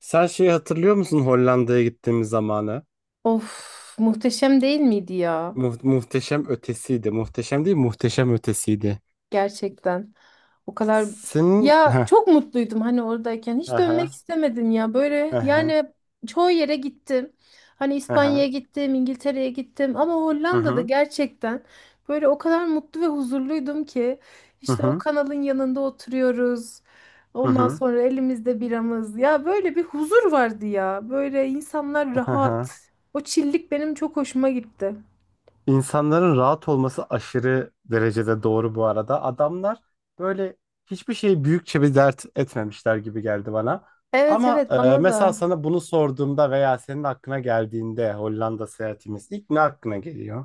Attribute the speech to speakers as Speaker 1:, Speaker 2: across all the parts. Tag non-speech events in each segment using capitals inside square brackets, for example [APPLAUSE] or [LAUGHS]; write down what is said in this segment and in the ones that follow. Speaker 1: Sen şeyi hatırlıyor musun Hollanda'ya gittiğimiz zamanı?
Speaker 2: Of, muhteşem değil miydi ya?
Speaker 1: Muhteşem ötesiydi. Muhteşem değil, muhteşem ötesiydi.
Speaker 2: Gerçekten. O kadar
Speaker 1: Senin...
Speaker 2: ya
Speaker 1: Heh.
Speaker 2: çok mutluydum hani oradayken. Hiç dönmek
Speaker 1: Aha.
Speaker 2: istemedim ya. Böyle
Speaker 1: Aha.
Speaker 2: yani çoğu yere gittim. Hani
Speaker 1: Aha.
Speaker 2: İspanya'ya gittim, İngiltere'ye gittim ama
Speaker 1: Hı
Speaker 2: Hollanda'da
Speaker 1: hı.
Speaker 2: gerçekten böyle o kadar mutlu ve huzurluydum ki
Speaker 1: Hı
Speaker 2: işte o
Speaker 1: hı.
Speaker 2: kanalın yanında oturuyoruz.
Speaker 1: Hı
Speaker 2: Ondan
Speaker 1: hı.
Speaker 2: sonra elimizde biramız. Ya böyle bir huzur vardı ya. Böyle insanlar rahat.
Speaker 1: Aha.
Speaker 2: O çillik benim çok hoşuma gitti.
Speaker 1: İnsanların rahat olması aşırı derecede doğru bu arada. Adamlar böyle hiçbir şeyi büyükçe bir dert etmemişler gibi geldi bana.
Speaker 2: Evet
Speaker 1: Ama
Speaker 2: evet, bana
Speaker 1: mesela
Speaker 2: da.
Speaker 1: sana bunu sorduğumda veya senin aklına geldiğinde Hollanda seyahatimiz ilk ne aklına geliyor?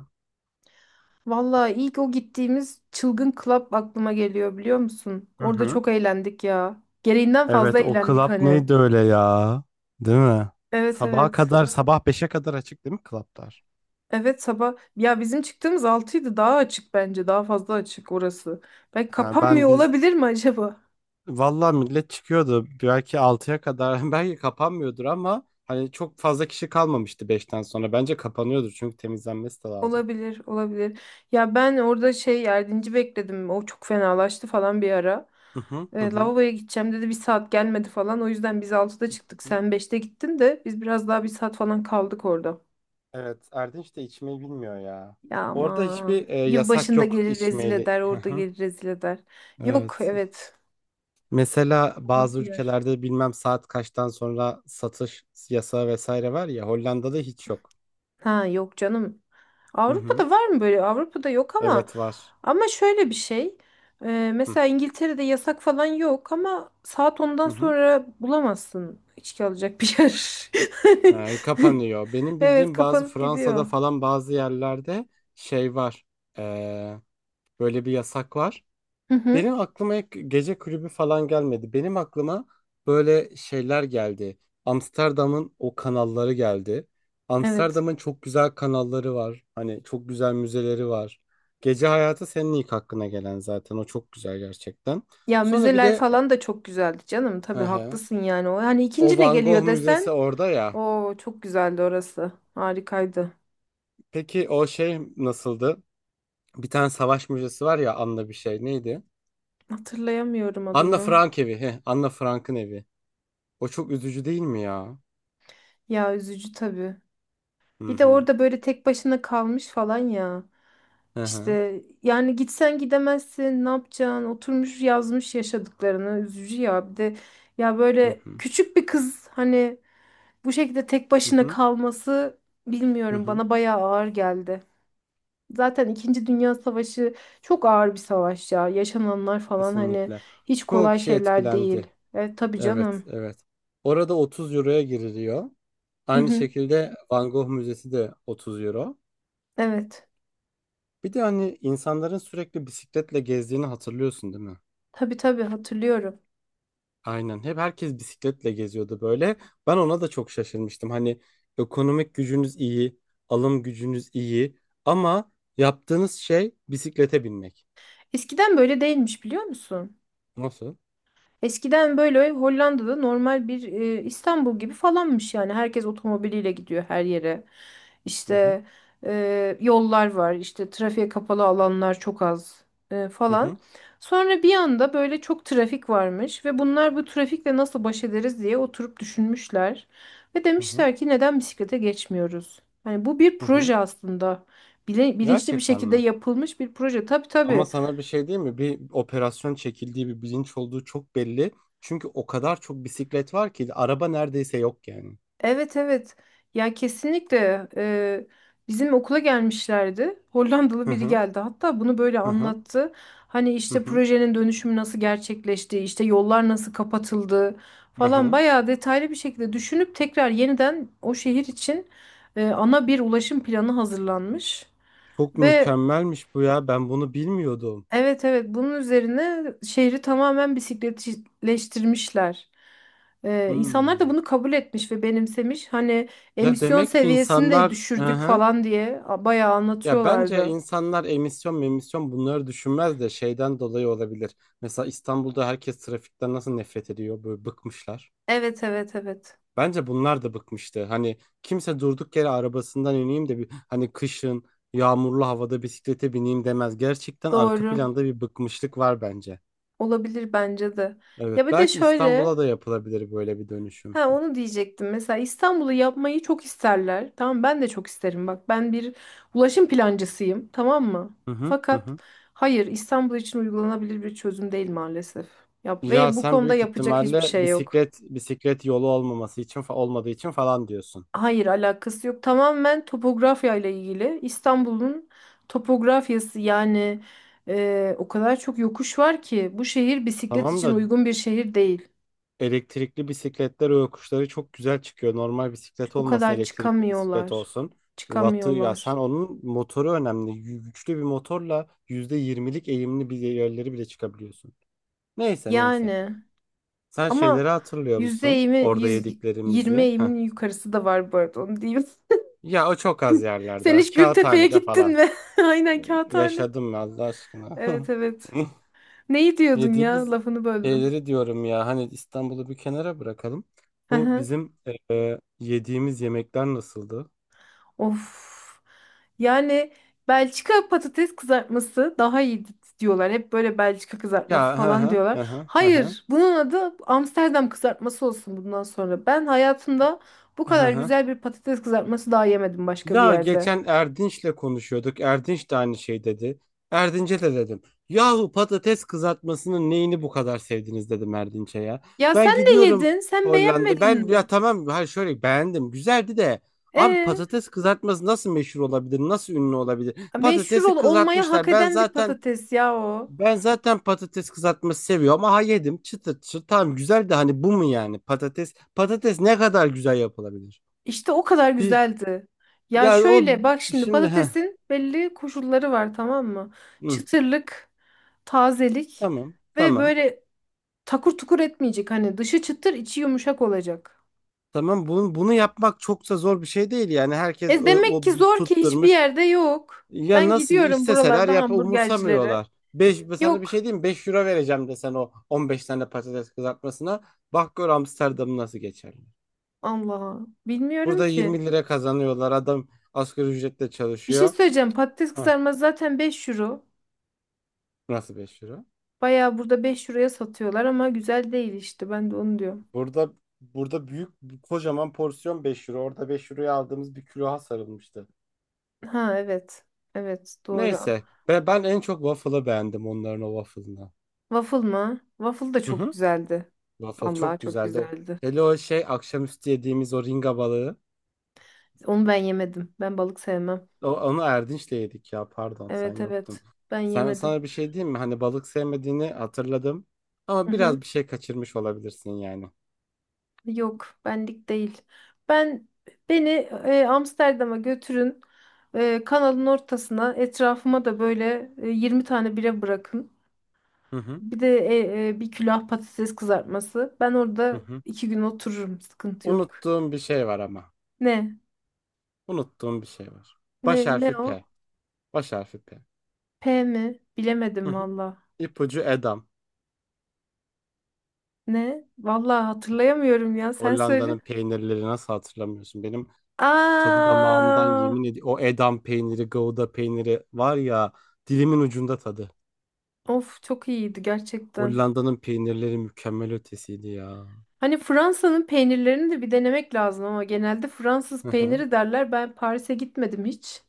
Speaker 2: Vallahi ilk o gittiğimiz çılgın club aklıma geliyor, biliyor musun?
Speaker 1: Hı
Speaker 2: Orada
Speaker 1: hı.
Speaker 2: çok eğlendik ya. Gereğinden fazla
Speaker 1: Evet, o
Speaker 2: eğlendik
Speaker 1: club
Speaker 2: hani.
Speaker 1: neydi öyle ya? Değil mi?
Speaker 2: Evet
Speaker 1: Sabaha
Speaker 2: evet.
Speaker 1: kadar. Evet, sabah 5'e kadar açık değil mi clublar?
Speaker 2: Evet sabah. Ya bizim çıktığımız altıydı, daha açık bence. Daha fazla açık orası. Belki
Speaker 1: Ha,
Speaker 2: kapanmıyor
Speaker 1: biz
Speaker 2: olabilir mi acaba?
Speaker 1: vallahi millet çıkıyordu belki 6'ya kadar [LAUGHS] belki kapanmıyordur ama hani çok fazla kişi kalmamıştı 5'ten sonra. Bence kapanıyordur çünkü temizlenmesi de lazım.
Speaker 2: Olabilir, olabilir. Ya ben orada şey yardımcı bekledim. O çok fenalaştı falan bir ara.
Speaker 1: Hı hı hı hı.
Speaker 2: Lavaboya gideceğim dedi. Bir saat gelmedi falan. O yüzden biz altıda çıktık.
Speaker 1: Hı.
Speaker 2: Sen beşte gittin de biz biraz daha bir saat falan kaldık orada.
Speaker 1: Evet, Erdinç de içmeyi bilmiyor ya.
Speaker 2: Ya
Speaker 1: Orada
Speaker 2: ama
Speaker 1: hiçbir yasak
Speaker 2: yılbaşında
Speaker 1: yok
Speaker 2: gelir rezil
Speaker 1: içmeyeli.
Speaker 2: eder,
Speaker 1: Hı
Speaker 2: orada
Speaker 1: hı.
Speaker 2: gelir rezil eder. Yok,
Speaker 1: Evet.
Speaker 2: evet.
Speaker 1: Mesela
Speaker 2: Rahat
Speaker 1: bazı
Speaker 2: bir yer.
Speaker 1: ülkelerde bilmem saat kaçtan sonra satış yasağı vesaire var ya, Hollanda'da hiç yok.
Speaker 2: Ha yok canım.
Speaker 1: Hı hı.
Speaker 2: Avrupa'da var mı böyle? Avrupa'da yok ama
Speaker 1: Evet, var.
Speaker 2: ama şöyle bir şey.
Speaker 1: Hı
Speaker 2: Mesela İngiltere'de yasak falan yok ama saat ondan
Speaker 1: hı hı.
Speaker 2: sonra bulamazsın içki alacak bir yer.
Speaker 1: Ha,
Speaker 2: [LAUGHS]
Speaker 1: kapanıyor. Benim
Speaker 2: Evet,
Speaker 1: bildiğim bazı
Speaker 2: kapanıp
Speaker 1: Fransa'da
Speaker 2: gidiyor.
Speaker 1: falan bazı yerlerde şey var. Ee, Böyle bir yasak var.
Speaker 2: Hı hı.
Speaker 1: Benim aklıma ilk gece kulübü falan gelmedi. Benim aklıma böyle şeyler geldi. Amsterdam'ın o kanalları geldi.
Speaker 2: Evet.
Speaker 1: Amsterdam'ın çok güzel kanalları var. Hani çok güzel müzeleri var. Gece hayatı senin ilk hakkına gelen zaten. O çok güzel gerçekten.
Speaker 2: Ya
Speaker 1: Sonra bir
Speaker 2: müzeler
Speaker 1: de
Speaker 2: falan da çok güzeldi canım. Tabii
Speaker 1: e, ehe,
Speaker 2: haklısın yani. O hani
Speaker 1: o
Speaker 2: ikinci ne
Speaker 1: Van Gogh
Speaker 2: geliyor
Speaker 1: Müzesi
Speaker 2: desen,
Speaker 1: orada ya.
Speaker 2: o çok güzeldi orası. Harikaydı.
Speaker 1: Peki o şey nasıldı? Bir tane savaş müzesi var ya, Anna bir şey, neydi?
Speaker 2: Hatırlayamıyorum
Speaker 1: Anna
Speaker 2: adını.
Speaker 1: Frank evi. Anna Frank'ın evi. O çok üzücü değil mi ya?
Speaker 2: Ya üzücü tabii.
Speaker 1: Hı
Speaker 2: Bir de
Speaker 1: hı.
Speaker 2: orada böyle tek başına kalmış falan ya.
Speaker 1: Hı hı.
Speaker 2: İşte yani gitsen gidemezsin, ne yapacaksın? Oturmuş yazmış yaşadıklarını. Üzücü ya. Bir de ya
Speaker 1: Hı
Speaker 2: böyle
Speaker 1: hı,
Speaker 2: küçük bir kız hani bu şekilde tek
Speaker 1: hı
Speaker 2: başına
Speaker 1: hı,
Speaker 2: kalması,
Speaker 1: hı
Speaker 2: bilmiyorum,
Speaker 1: hı.
Speaker 2: bana bayağı ağır geldi. Zaten İkinci Dünya Savaşı çok ağır bir savaş ya. Yaşananlar falan hani
Speaker 1: Kesinlikle.
Speaker 2: hiç
Speaker 1: Çoğu
Speaker 2: kolay
Speaker 1: kişi
Speaker 2: şeyler değil.
Speaker 1: etkilendi.
Speaker 2: Evet tabii
Speaker 1: Evet,
Speaker 2: canım.
Speaker 1: evet. Orada 30 euroya giriliyor.
Speaker 2: Hı
Speaker 1: Aynı
Speaker 2: hı.
Speaker 1: şekilde Van Gogh Müzesi de 30 euro.
Speaker 2: Evet.
Speaker 1: Bir de hani insanların sürekli bisikletle gezdiğini hatırlıyorsun değil mi?
Speaker 2: Tabii tabii hatırlıyorum.
Speaker 1: Aynen. Hep herkes bisikletle geziyordu böyle. Ben ona da çok şaşırmıştım. Hani ekonomik gücünüz iyi, alım gücünüz iyi ama yaptığınız şey bisiklete binmek.
Speaker 2: Eskiden böyle değilmiş, biliyor musun?
Speaker 1: Nasıl?
Speaker 2: Eskiden böyle Hollanda'da normal bir İstanbul gibi falanmış yani. Herkes otomobiliyle gidiyor her yere.
Speaker 1: Hı hı,
Speaker 2: İşte yollar var, işte trafiğe kapalı alanlar çok az
Speaker 1: hı
Speaker 2: falan.
Speaker 1: hı,
Speaker 2: Sonra bir anda böyle çok trafik varmış ve bunlar bu trafikle nasıl baş ederiz diye oturup düşünmüşler. Ve
Speaker 1: hı hı,
Speaker 2: demişler ki neden bisiklete geçmiyoruz? Hani bu bir
Speaker 1: hı hı.
Speaker 2: proje aslında. Bilinçli bir
Speaker 1: Gerçekten
Speaker 2: şekilde
Speaker 1: mi?
Speaker 2: yapılmış bir proje. Tabii
Speaker 1: Ama
Speaker 2: tabii.
Speaker 1: sana bir şey diyeyim mi? Bir operasyon çekildiği, bir bilinç olduğu çok belli. Çünkü o kadar çok bisiklet var ki araba neredeyse yok yani.
Speaker 2: Evet evet. Ya kesinlikle, bizim okula gelmişlerdi. Hollandalı
Speaker 1: Hı
Speaker 2: biri
Speaker 1: hı
Speaker 2: geldi. Hatta bunu böyle
Speaker 1: hı hı
Speaker 2: anlattı. Hani
Speaker 1: hı
Speaker 2: işte
Speaker 1: hı
Speaker 2: projenin dönüşümü nasıl gerçekleşti, işte yollar nasıl kapatıldı
Speaker 1: hı
Speaker 2: falan,
Speaker 1: hı.
Speaker 2: bayağı detaylı bir şekilde düşünüp tekrar yeniden o şehir için ana bir ulaşım planı hazırlanmış
Speaker 1: Çok
Speaker 2: ve
Speaker 1: mükemmelmiş bu ya. Ben bunu bilmiyordum.
Speaker 2: evet evet, bunun üzerine şehri tamamen bisikletleştirmişler. İnsanlar da
Speaker 1: Hmm.
Speaker 2: bunu kabul etmiş ve benimsemiş. Hani
Speaker 1: Ya
Speaker 2: emisyon
Speaker 1: demek ki
Speaker 2: seviyesini de
Speaker 1: insanlar, hı
Speaker 2: düşürdük
Speaker 1: hı.
Speaker 2: falan diye bayağı
Speaker 1: Ya bence
Speaker 2: anlatıyorlardı.
Speaker 1: insanlar emisyon bunları düşünmez de şeyden dolayı olabilir. Mesela İstanbul'da herkes trafikten nasıl nefret ediyor? Böyle bıkmışlar.
Speaker 2: Evet evet evet,
Speaker 1: Bence bunlar da bıkmıştı. Hani kimse durduk yere arabasından ineyim de bir hani kışın yağmurlu havada bisiklete bineyim demez. Gerçekten arka
Speaker 2: doğru
Speaker 1: planda bir bıkmışlık var bence.
Speaker 2: olabilir bence de.
Speaker 1: Evet,
Speaker 2: Ya bir de
Speaker 1: belki
Speaker 2: şöyle.
Speaker 1: İstanbul'a da yapılabilir böyle bir dönüşüm.
Speaker 2: Ha, onu diyecektim. Mesela İstanbul'u yapmayı çok isterler. Tamam, ben de çok isterim. Bak, ben bir ulaşım plancısıyım. Tamam mı?
Speaker 1: Hı hı hı
Speaker 2: Fakat
Speaker 1: hı.
Speaker 2: hayır, İstanbul için uygulanabilir bir çözüm değil maalesef. Yap
Speaker 1: Ya
Speaker 2: ve bu
Speaker 1: sen
Speaker 2: konuda
Speaker 1: büyük
Speaker 2: yapacak hiçbir
Speaker 1: ihtimalle
Speaker 2: şey yok.
Speaker 1: bisiklet yolu olmaması için olmadığı için falan diyorsun.
Speaker 2: Hayır, alakası yok. Tamamen topografya ile ilgili. İstanbul'un topografyası yani o kadar çok yokuş var ki bu şehir bisiklet
Speaker 1: Tamam
Speaker 2: için
Speaker 1: da
Speaker 2: uygun bir şehir değil.
Speaker 1: elektrikli bisikletler o yokuşları çok güzel çıkıyor. Normal bisiklet
Speaker 2: O
Speaker 1: olmasın,
Speaker 2: kadar
Speaker 1: elektrikli bisiklet
Speaker 2: çıkamıyorlar.
Speaker 1: olsun. Wattı ya, sen
Speaker 2: Çıkamıyorlar.
Speaker 1: onun motoru önemli. Güçlü bir motorla %20'lik eğimli bir yerleri bile çıkabiliyorsun. Neyse, neyse.
Speaker 2: Yani.
Speaker 1: Sen
Speaker 2: Ama
Speaker 1: şeyleri hatırlıyor
Speaker 2: yüzde
Speaker 1: musun?
Speaker 2: yirmi,
Speaker 1: Orada
Speaker 2: yüz yirmi
Speaker 1: yediklerimizi. Heh.
Speaker 2: eğimin yukarısı da var bu arada, onu diyeyim.
Speaker 1: Ya o çok az
Speaker 2: [LAUGHS] Sen
Speaker 1: yerlerde.
Speaker 2: hiç Gültepe'ye
Speaker 1: Kağıthanede
Speaker 2: gittin
Speaker 1: falan.
Speaker 2: mi? [LAUGHS] Aynen kağıthane.
Speaker 1: Yaşadım ben, Allah aşkına.
Speaker 2: Evet evet.
Speaker 1: [LAUGHS]
Speaker 2: Neyi diyordun ya?
Speaker 1: Yediğimiz
Speaker 2: Lafını böldüm.
Speaker 1: şeyleri diyorum ya, hani İstanbul'u bir kenara bırakalım.
Speaker 2: Hı
Speaker 1: Bu
Speaker 2: hı.
Speaker 1: bizim yediğimiz yemekler nasıldı?
Speaker 2: Of. Yani Belçika patates kızartması daha iyi diyorlar. Hep böyle Belçika kızartması
Speaker 1: Ya hı
Speaker 2: falan
Speaker 1: hı
Speaker 2: diyorlar.
Speaker 1: hı hı hı hı
Speaker 2: Hayır, bunun adı Amsterdam kızartması olsun bundan sonra. Ben hayatımda bu
Speaker 1: hı
Speaker 2: kadar
Speaker 1: hı.
Speaker 2: güzel bir patates kızartması daha yemedim başka bir
Speaker 1: Ya
Speaker 2: yerde.
Speaker 1: geçen Erdinç'le konuşuyorduk. Erdinç de aynı şey dedi. Erdinç'e de dedim. Yahu patates kızartmasının neyini bu kadar sevdiniz dedim Erdinç'e ya.
Speaker 2: Ya
Speaker 1: Ben
Speaker 2: sen de
Speaker 1: gidiyorum
Speaker 2: yedin. Sen
Speaker 1: Hollanda.
Speaker 2: beğenmedin
Speaker 1: Ben ya
Speaker 2: mi?
Speaker 1: tamam, hayır, şöyle beğendim. Güzeldi de, abi
Speaker 2: E,
Speaker 1: patates kızartması nasıl meşhur olabilir? Nasıl ünlü olabilir?
Speaker 2: meşhur
Speaker 1: Patatesi
Speaker 2: olmaya hak
Speaker 1: kızartmışlar. Ben
Speaker 2: eden bir
Speaker 1: zaten
Speaker 2: patates ya o.
Speaker 1: Ben zaten patates kızartması seviyorum. Aha, yedim çıtır çıtır. Tamam, güzel de hani bu mu yani patates? Patates ne kadar güzel yapılabilir?
Speaker 2: İşte o kadar
Speaker 1: Bir
Speaker 2: güzeldi. Ya
Speaker 1: yani o
Speaker 2: şöyle bak şimdi,
Speaker 1: şimdi, ha.
Speaker 2: patatesin belli koşulları var, tamam mı?
Speaker 1: Hı.
Speaker 2: Çıtırlık, tazelik
Speaker 1: Tamam.
Speaker 2: ve
Speaker 1: Tamam.
Speaker 2: böyle takur tukur etmeyecek. Hani dışı çıtır, içi yumuşak olacak.
Speaker 1: Tamam, bunu yapmak çok da zor bir şey değil yani herkes
Speaker 2: E
Speaker 1: o,
Speaker 2: demek
Speaker 1: o
Speaker 2: ki zor ki hiçbir
Speaker 1: tutturmuş.
Speaker 2: yerde yok.
Speaker 1: Ya
Speaker 2: Ben
Speaker 1: nasıl
Speaker 2: gidiyorum
Speaker 1: isteseler
Speaker 2: buralarda
Speaker 1: yap,
Speaker 2: hamburgercilere.
Speaker 1: umursamıyorlar. 5, sana bir şey
Speaker 2: Yok.
Speaker 1: diyeyim mi? Beş euro vereceğim desen o 15 tane patates kızartmasına. Bak gör Amsterdam'ı nasıl geçerli.
Speaker 2: Allah. Bilmiyorum
Speaker 1: Burada
Speaker 2: ki.
Speaker 1: 20 lira kazanıyorlar. Adam asgari ücretle
Speaker 2: Bir şey
Speaker 1: çalışıyor.
Speaker 2: söyleyeceğim. Patates
Speaker 1: Hah,
Speaker 2: kızarması zaten 5 euro.
Speaker 1: nasıl 5 euro?
Speaker 2: Bayağı, burada 5 euroya satıyorlar ama güzel değil işte. Ben de onu diyorum.
Speaker 1: Burada burada büyük kocaman porsiyon 5 euro. Orada 5 euroya aldığımız bir külaha sarılmıştı.
Speaker 2: Ha evet. Evet doğru.
Speaker 1: Neyse. Ben en çok waffle'ı beğendim, onların o waffle'ını.
Speaker 2: Waffle mı? Waffle da
Speaker 1: Hı
Speaker 2: çok
Speaker 1: hı.
Speaker 2: güzeldi.
Speaker 1: Waffle
Speaker 2: Vallahi
Speaker 1: çok
Speaker 2: çok
Speaker 1: güzeldi.
Speaker 2: güzeldi.
Speaker 1: Hele o şey akşamüstü yediğimiz o ringa balığı.
Speaker 2: Onu ben yemedim. Ben balık sevmem.
Speaker 1: Onu Erdinç'le yedik ya, pardon, sen
Speaker 2: Evet
Speaker 1: yoktun.
Speaker 2: evet. Ben
Speaker 1: Sen,
Speaker 2: yemedim.
Speaker 1: sana bir şey diyeyim mi? Hani balık sevmediğini hatırladım. Ama
Speaker 2: Hı hı.
Speaker 1: biraz bir şey kaçırmış olabilirsin yani.
Speaker 2: Yok, benlik değil. Ben beni Amsterdam'a götürün. Kanalın ortasına, etrafıma da böyle 20 tane bira bırakın.
Speaker 1: Hı hı.
Speaker 2: Bir de bir külah patates kızartması. Ben
Speaker 1: Hı
Speaker 2: orada
Speaker 1: hı.
Speaker 2: iki gün otururum. Sıkıntı yok.
Speaker 1: Unuttuğum bir şey var ama.
Speaker 2: Ne?
Speaker 1: Unuttuğum bir şey var. Baş
Speaker 2: Ne?
Speaker 1: harfi
Speaker 2: Ne o?
Speaker 1: P. Baş harfi P.
Speaker 2: P mi?
Speaker 1: Hı
Speaker 2: Bilemedim
Speaker 1: hı.
Speaker 2: valla.
Speaker 1: İpucu Edam.
Speaker 2: Ne? Valla hatırlayamıyorum ya. Sen söyle.
Speaker 1: Hollanda'nın peynirleri, nasıl hatırlamıyorsun? Benim tadı damağımdan,
Speaker 2: Aa!
Speaker 1: yemin ediyorum. O Edam peyniri, Gouda peyniri var ya, dilimin ucunda tadı.
Speaker 2: Of, çok iyiydi gerçekten.
Speaker 1: Hollanda'nın peynirleri mükemmel ötesiydi ya.
Speaker 2: Hani Fransa'nın peynirlerini de bir denemek lazım ama genelde
Speaker 1: Hı
Speaker 2: Fransız
Speaker 1: hı.
Speaker 2: peyniri derler. Ben Paris'e gitmedim hiç.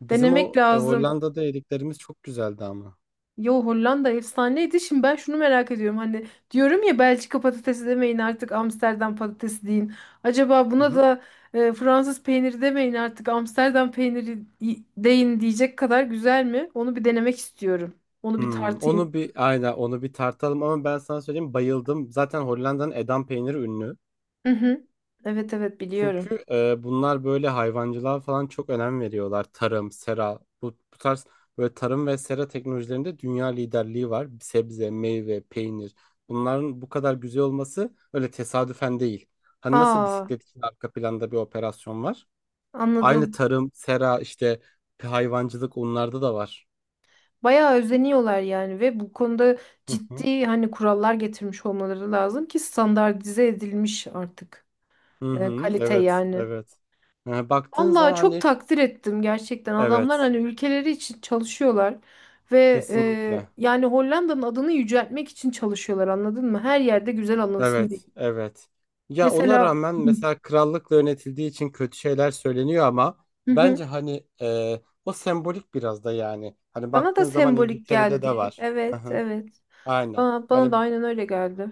Speaker 1: Bizim
Speaker 2: Denemek
Speaker 1: o
Speaker 2: lazım.
Speaker 1: Hollanda'da yediklerimiz çok güzeldi ama.
Speaker 2: Yo, Hollanda efsaneydi. Şimdi ben şunu merak ediyorum. Hani diyorum ya, Belçika patatesi demeyin artık, Amsterdam patatesi deyin. Acaba
Speaker 1: Hı
Speaker 2: buna
Speaker 1: hı.
Speaker 2: da Fransız peyniri demeyin artık, Amsterdam peyniri deyin diyecek kadar güzel mi? Onu bir denemek istiyorum. Onu bir
Speaker 1: Hmm,
Speaker 2: tartayım.
Speaker 1: onu bir aynen onu bir tartalım ama ben sana söyleyeyim, bayıldım. Zaten Hollanda'nın Edam peyniri ünlü.
Speaker 2: Hı hı. Evet evet biliyorum.
Speaker 1: Çünkü bunlar böyle hayvancılığa falan çok önem veriyorlar. Tarım, sera, bu tarz böyle tarım ve sera teknolojilerinde dünya liderliği var. Sebze, meyve, peynir. Bunların bu kadar güzel olması öyle tesadüfen değil. Hani nasıl
Speaker 2: Aa,
Speaker 1: bisiklet için arka planda bir operasyon var? Aynı
Speaker 2: anladım.
Speaker 1: tarım, sera, işte hayvancılık onlarda da var.
Speaker 2: Bayağı özeniyorlar yani ve bu konuda
Speaker 1: Hı hı.
Speaker 2: ciddi, hani, kurallar getirmiş olmaları lazım ki standartize edilmiş artık
Speaker 1: Hı hı,
Speaker 2: kalite
Speaker 1: evet,
Speaker 2: yani.
Speaker 1: evet. Yani baktığın zaman
Speaker 2: Vallahi çok
Speaker 1: hani
Speaker 2: takdir ettim gerçekten.
Speaker 1: evet,
Speaker 2: Adamlar hani ülkeleri için çalışıyorlar ve
Speaker 1: kesinlikle.
Speaker 2: yani Hollanda'nın adını yüceltmek için çalışıyorlar, anladın mı? Her yerde güzel anılsın diye.
Speaker 1: Evet, evet. Ya ona
Speaker 2: Mesela,
Speaker 1: rağmen mesela krallıkla yönetildiği için kötü şeyler söyleniyor ama
Speaker 2: hı hı,
Speaker 1: bence hani o sembolik biraz da yani. Hani
Speaker 2: bana da
Speaker 1: baktığın zaman
Speaker 2: sembolik
Speaker 1: İngiltere'de de
Speaker 2: geldi.
Speaker 1: var. Hı
Speaker 2: Evet,
Speaker 1: hı.
Speaker 2: evet.
Speaker 1: Aynen.
Speaker 2: Bana da
Speaker 1: Hani
Speaker 2: aynen öyle geldi.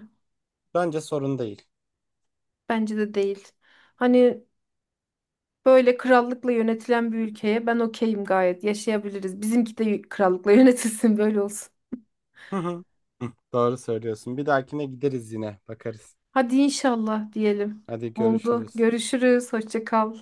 Speaker 1: bence sorun değil.
Speaker 2: Bence de değil. Hani böyle krallıkla yönetilen bir ülkeye ben okeyim gayet. Yaşayabiliriz. Bizimki de krallıkla [LAUGHS] yönetilsin böyle olsun.
Speaker 1: Hı hı. Hı, doğru söylüyorsun. Bir dahakine gideriz, yine bakarız.
Speaker 2: Hadi inşallah diyelim.
Speaker 1: Hadi
Speaker 2: Oldu.
Speaker 1: görüşürüz.
Speaker 2: Görüşürüz. Hoşça kal.